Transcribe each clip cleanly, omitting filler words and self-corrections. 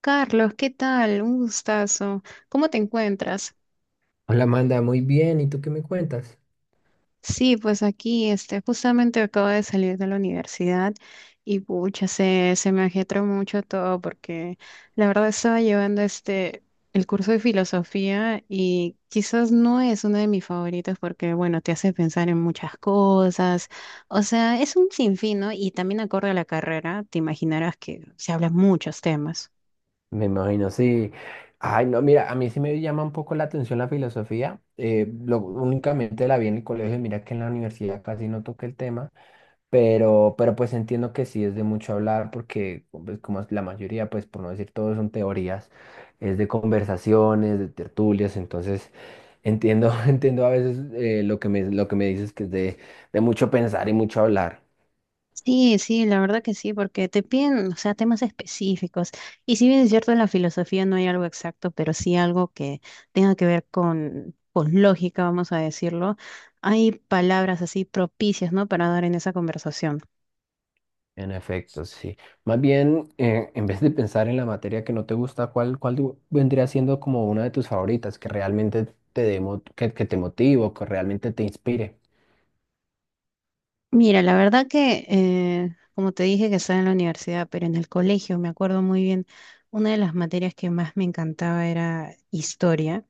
Carlos, ¿qué tal? Un gustazo. ¿Cómo te encuentras? Hola Amanda, muy bien. ¿Y tú qué me cuentas? Sí, pues aquí, justamente acabo de salir de la universidad y pucha, se me ajetreó mucho todo porque la verdad estaba llevando el curso de filosofía y quizás no es uno de mis favoritos porque, bueno, te hace pensar en muchas cosas. O sea, es un sinfín, ¿no? Y también acorde a la carrera, te imaginarás que se hablan muchos temas. Me imagino, sí. Ay, no, mira, a mí sí me llama un poco la atención la filosofía. Lo, únicamente la vi en el colegio, mira que en la universidad casi no toqué el tema, pero pues entiendo que sí es de mucho hablar porque pues, como la mayoría, pues por no decir todo, son teorías, es de conversaciones, de tertulias, entonces entiendo, entiendo a veces lo que me dices que es de mucho pensar y mucho hablar. Sí, sí, la verdad que sí, porque te piden, o sea, temas específicos. Y si bien es cierto, en la filosofía no hay algo exacto, pero sí algo que tenga que ver con lógica, vamos a decirlo. Hay palabras así propicias, ¿no? Para dar en esa conversación. En efecto, sí. Más bien, en vez de pensar en la materia que no te gusta, ¿cuál, vendría siendo como una de tus favoritas que realmente que te motive o que realmente te inspire? Mira, la verdad que, como te dije, que estaba en la universidad, pero en el colegio me acuerdo muy bien, una de las materias que más me encantaba era historia.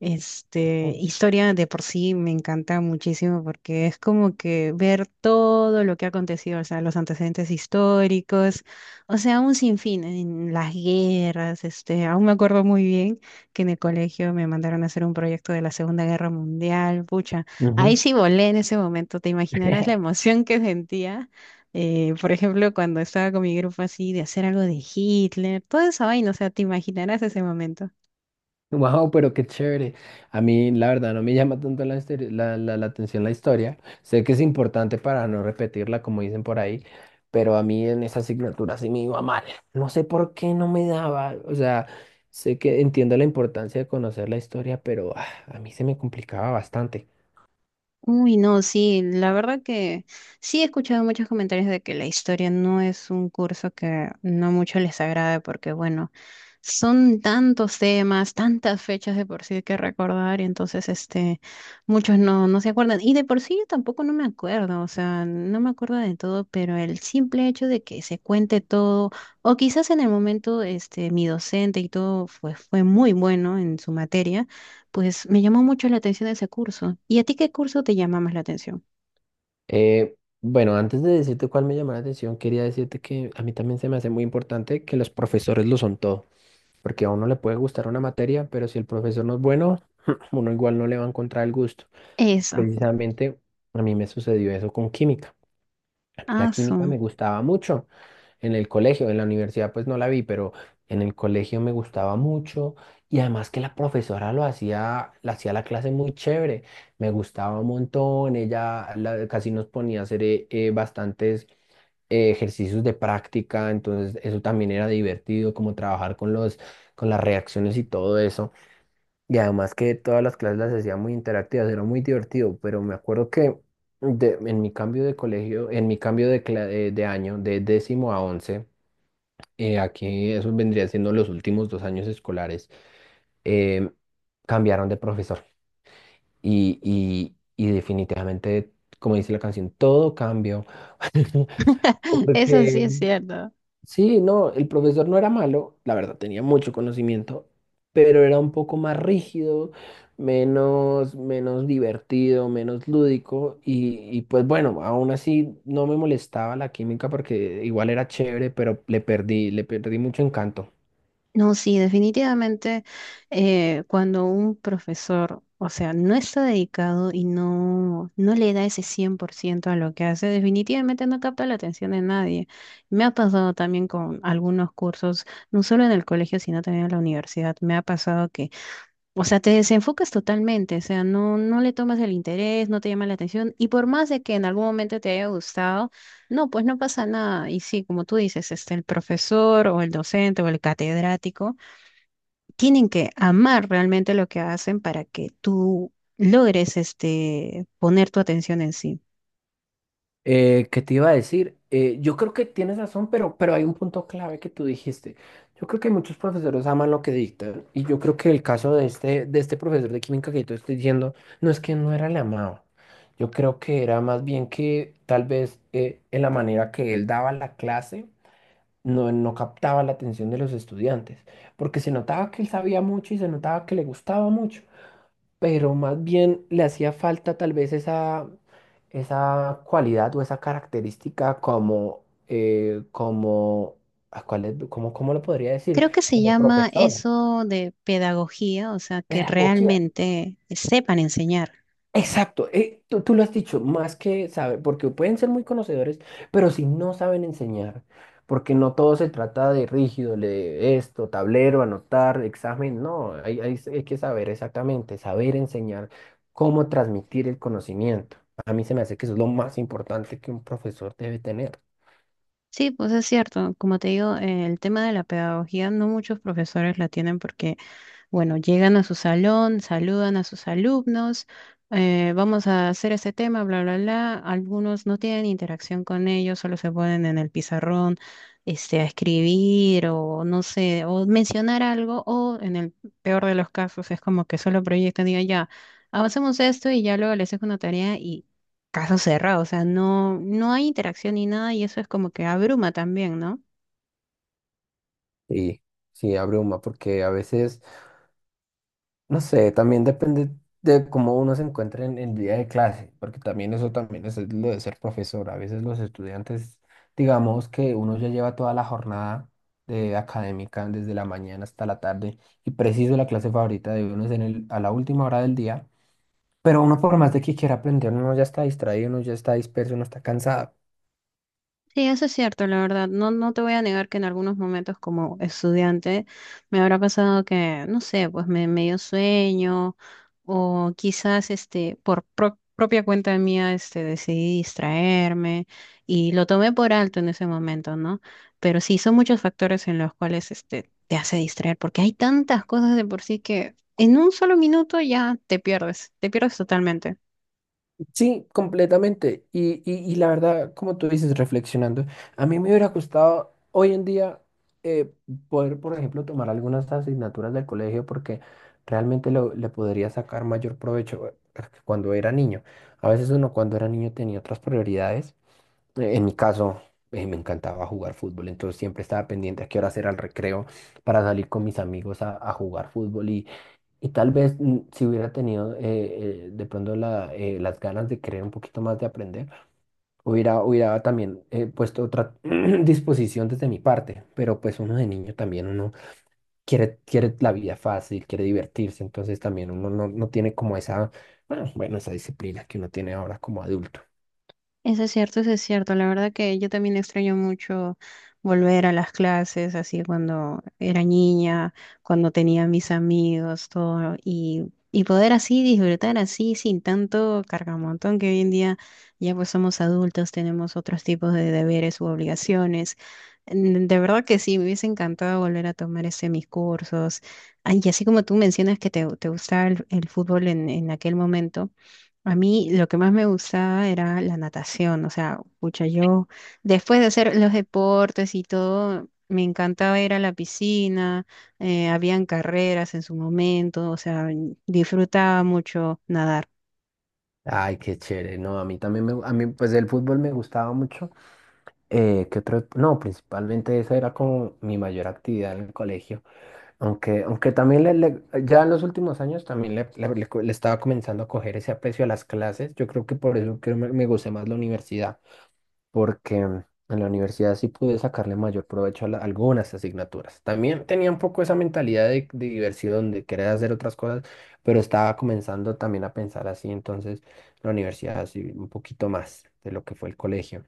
Ujú. Historia de por sí me encanta muchísimo porque es como que ver todo lo que ha acontecido, o sea, los antecedentes históricos, o sea, un sinfín en las guerras, aún me acuerdo muy bien que en el colegio me mandaron a hacer un proyecto de la Segunda Guerra Mundial, pucha, ahí sí volé en ese momento, te imaginarás la emoción que sentía. Por ejemplo, cuando estaba con mi grupo así de hacer algo de Hitler, toda esa vaina, o sea, te imaginarás ese momento. Wow, pero qué chévere. A mí, la verdad, no me llama tanto la, la, la atención la historia. Sé que es importante para no repetirla, como dicen por ahí, pero a mí en esa asignatura sí me iba mal. No sé por qué no me daba. O sea, sé que entiendo la importancia de conocer la historia, pero ah, a mí se me complicaba bastante. Uy, no, sí, la verdad que sí he escuchado muchos comentarios de que la historia no es un curso que no mucho les agrade porque, bueno, son tantos temas, tantas fechas de por sí que recordar y entonces, muchos no, no se acuerdan. Y de por sí yo tampoco no me acuerdo, o sea, no me acuerdo de todo, pero el simple hecho de que se cuente todo, o quizás en el momento, mi docente y todo fue muy bueno en su materia. Pues me llamó mucho la atención ese curso. ¿Y a ti qué curso te llama más la atención? Eh, bueno, antes de decirte cuál me llamó la atención, quería decirte que a mí también se me hace muy importante que los profesores lo son todo, porque a uno le puede gustar una materia, pero si el profesor no es bueno, uno igual no le va a encontrar el gusto. Eso. Precisamente a mí me sucedió eso con química. Mí la Ah, química su. me gustaba mucho en el colegio, en la universidad pues no la vi, pero en el colegio me gustaba mucho, y además que la profesora lo hacía la clase muy chévere, me gustaba un montón, ella casi nos ponía a hacer bastantes ejercicios de práctica, entonces eso también era divertido, como trabajar con los, con las reacciones y todo eso. Y además que todas las clases las hacía muy interactivas, era muy divertido, pero me acuerdo que en mi cambio de colegio, en mi cambio de, de año, de décimo a once, aquí eso vendría siendo los últimos dos años escolares, eh, cambiaron de profesor. Y definitivamente, como dice la canción, todo cambió. Eso sí Porque es cierto. sí, no, el profesor no era malo, la verdad tenía mucho conocimiento, pero era un poco más rígido, menos divertido, menos lúdico y pues bueno, aún así no me molestaba la química porque igual era chévere, pero le perdí mucho encanto. No, sí, definitivamente cuando un profesor, o sea, no está dedicado y no, no le da ese 100% a lo que hace, definitivamente no capta la atención de nadie. Me ha pasado también con algunos cursos, no solo en el colegio, sino también en la universidad. Me ha pasado. O sea, te desenfocas totalmente, o sea, no, no le tomas el interés, no te llama la atención, y por más de que en algún momento te haya gustado, no, pues no pasa nada. Y sí, como tú dices, el profesor o el docente o el catedrático tienen que amar realmente lo que hacen para que tú logres, poner tu atención en sí. ¿Qué te iba a decir? Yo creo que tienes razón, pero hay un punto clave que tú dijiste. Yo creo que muchos profesores aman lo que dictan y yo creo que el caso de este profesor de química que yo te estoy diciendo no es que no era el amado. Yo creo que era más bien que tal vez en la manera que él daba la clase no captaba la atención de los estudiantes, porque se notaba que él sabía mucho y se notaba que le gustaba mucho, pero más bien le hacía falta tal vez esa, esa cualidad o esa característica como, como, ¿a cuál es? Cómo lo podría decir? Creo que se Como llama profesor, eso de pedagogía, o sea, que pedagogía. realmente sepan enseñar. Exacto, tú lo has dicho, más que saber, porque pueden ser muy conocedores, pero si no saben enseñar, porque no todo se trata de rígido, de esto, tablero, anotar, examen, no, hay que saber exactamente, saber enseñar cómo transmitir el conocimiento. A mí se me hace que eso es lo más importante que un profesor debe tener. Sí, pues es cierto. Como te digo, el tema de la pedagogía no muchos profesores la tienen porque bueno, llegan a su salón, saludan a sus alumnos, vamos a hacer este tema, bla, bla, bla. Algunos no tienen interacción con ellos, solo se ponen en el pizarrón, a escribir o no sé, o mencionar algo, o en el peor de los casos es como que solo proyectan, digan ya, avancemos esto y ya luego les dejo una tarea y caso cerrado, o sea, no, no hay interacción ni nada y eso es como que abruma también, ¿no? Sí, sí, abruma, porque a veces... No sé, también depende de cómo uno se encuentre en el día de clase, porque también eso también es lo de ser profesor. A veces los estudiantes, digamos que uno ya lleva toda la jornada de académica desde la mañana hasta la tarde, y preciso la clase favorita de uno es en el, a la última hora del día, pero uno por más de que quiera aprender, uno ya está distraído, uno ya está disperso, uno está cansado. Sí, eso es cierto, la verdad. No, no te voy a negar que en algunos momentos como estudiante me habrá pasado que, no sé, pues me dio sueño o quizás por propia cuenta mía, decidí distraerme y lo tomé por alto en ese momento, ¿no? Pero sí, son muchos factores en los cuales te hace distraer porque hay tantas cosas de por sí que en un solo minuto ya te pierdes totalmente. Sí, completamente. Y la verdad, como tú dices, reflexionando, a mí me hubiera gustado hoy en día eh, poder, por ejemplo, tomar algunas asignaturas del colegio porque realmente le podría sacar mayor provecho cuando era niño. A veces uno cuando era niño tenía otras prioridades. En mi caso, me encantaba jugar fútbol, entonces siempre estaba pendiente a qué hora era el recreo para salir con mis amigos a jugar fútbol y tal vez si hubiera tenido de pronto la, las ganas de querer un poquito más de aprender, hubiera también puesto otra disposición desde mi parte, pero pues uno de niño también, uno quiere la vida fácil, quiere divertirse, entonces también uno no, no tiene como esa, bueno, esa disciplina que uno tiene ahora como adulto. Eso es cierto, eso es cierto. La verdad que yo también extraño mucho volver a las clases, así cuando era niña, cuando tenía mis amigos, todo, y poder así disfrutar así sin tanto cargamontón que hoy en día ya pues somos adultos, tenemos otros tipos de deberes u obligaciones. Mm, de verdad que sí, me hubiese encantado volver a tomar ese mis cursos. Ah, y así como tú mencionas que te gustaba el fútbol en aquel momento. A mí lo que más me gustaba era la natación, o sea, pucha, yo después de hacer los deportes y todo, me encantaba ir a la piscina, habían carreras en su momento, o sea, disfrutaba mucho nadar. Ay, qué chévere. No, a mí también me, a mí pues el fútbol me gustaba mucho. ¿Qué otro? No, principalmente esa era como mi mayor actividad en el colegio. Aunque también ya en los últimos años también le estaba comenzando a coger ese aprecio a las clases. Yo creo que por eso creo me gusté más la universidad porque en la universidad sí pude sacarle mayor provecho a algunas asignaturas. También tenía un poco esa mentalidad de diversión, de querer hacer otras cosas, pero estaba comenzando también a pensar así, entonces la universidad sí, un poquito más de lo que fue el colegio.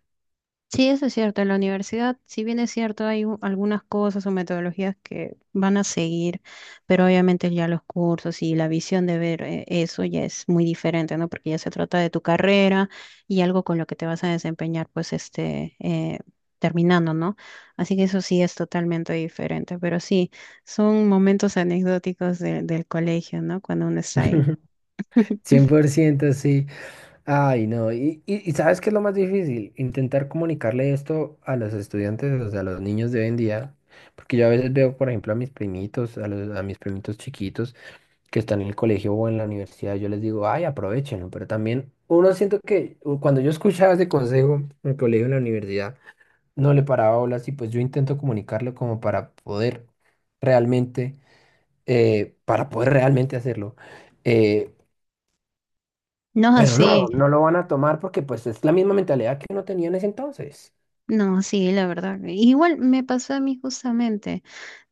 Sí, eso es cierto. En la universidad, si bien es cierto, hay algunas cosas o metodologías que van a seguir, pero obviamente ya los cursos y la visión de ver eso ya es muy diferente, ¿no? Porque ya se trata de tu carrera y algo con lo que te vas a desempeñar, pues, terminando, ¿no? Así que eso sí es totalmente diferente, pero sí, son momentos anecdóticos del colegio, ¿no? Cuando uno está ahí. Cien por ciento sí. Ay, no. Y ¿sabes qué es lo más difícil? Intentar comunicarle esto a los estudiantes, o sea, a los niños de hoy en día. Porque yo a veces veo, por ejemplo, a mis primitos, a, a mis primitos chiquitos, que están en el colegio o en la universidad, yo les digo, ay, aprovechenlo, pero también uno siento que cuando yo escuchaba ese consejo en el colegio, en la universidad, no le paraba olas y pues yo intento comunicarlo como realmente, para poder realmente hacerlo. eh, No es pero así. no, no lo van a tomar porque pues es la misma mentalidad que uno tenía en ese entonces. No, sí, la verdad. Igual me pasó a mí justamente.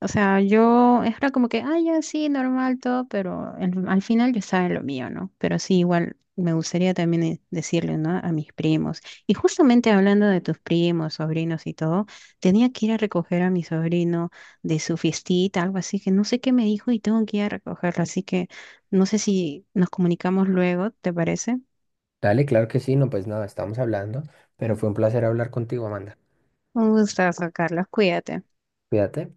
O sea, yo era como que, ah, ya sí, normal todo, pero al final yo estaba en lo mío, ¿no? Pero sí, igual me gustaría también decirle, ¿no? A mis primos. Y justamente hablando de tus primos, sobrinos y todo, tenía que ir a recoger a mi sobrino de su fiestita, algo así, que no sé qué me dijo y tengo que ir a recogerlo. Así que no sé si nos comunicamos luego, ¿te parece? Dale, claro que sí, no, pues nada, estamos hablando, pero fue un placer hablar contigo, Amanda. Un gustazo, Carlos. Cuídate. Cuídate.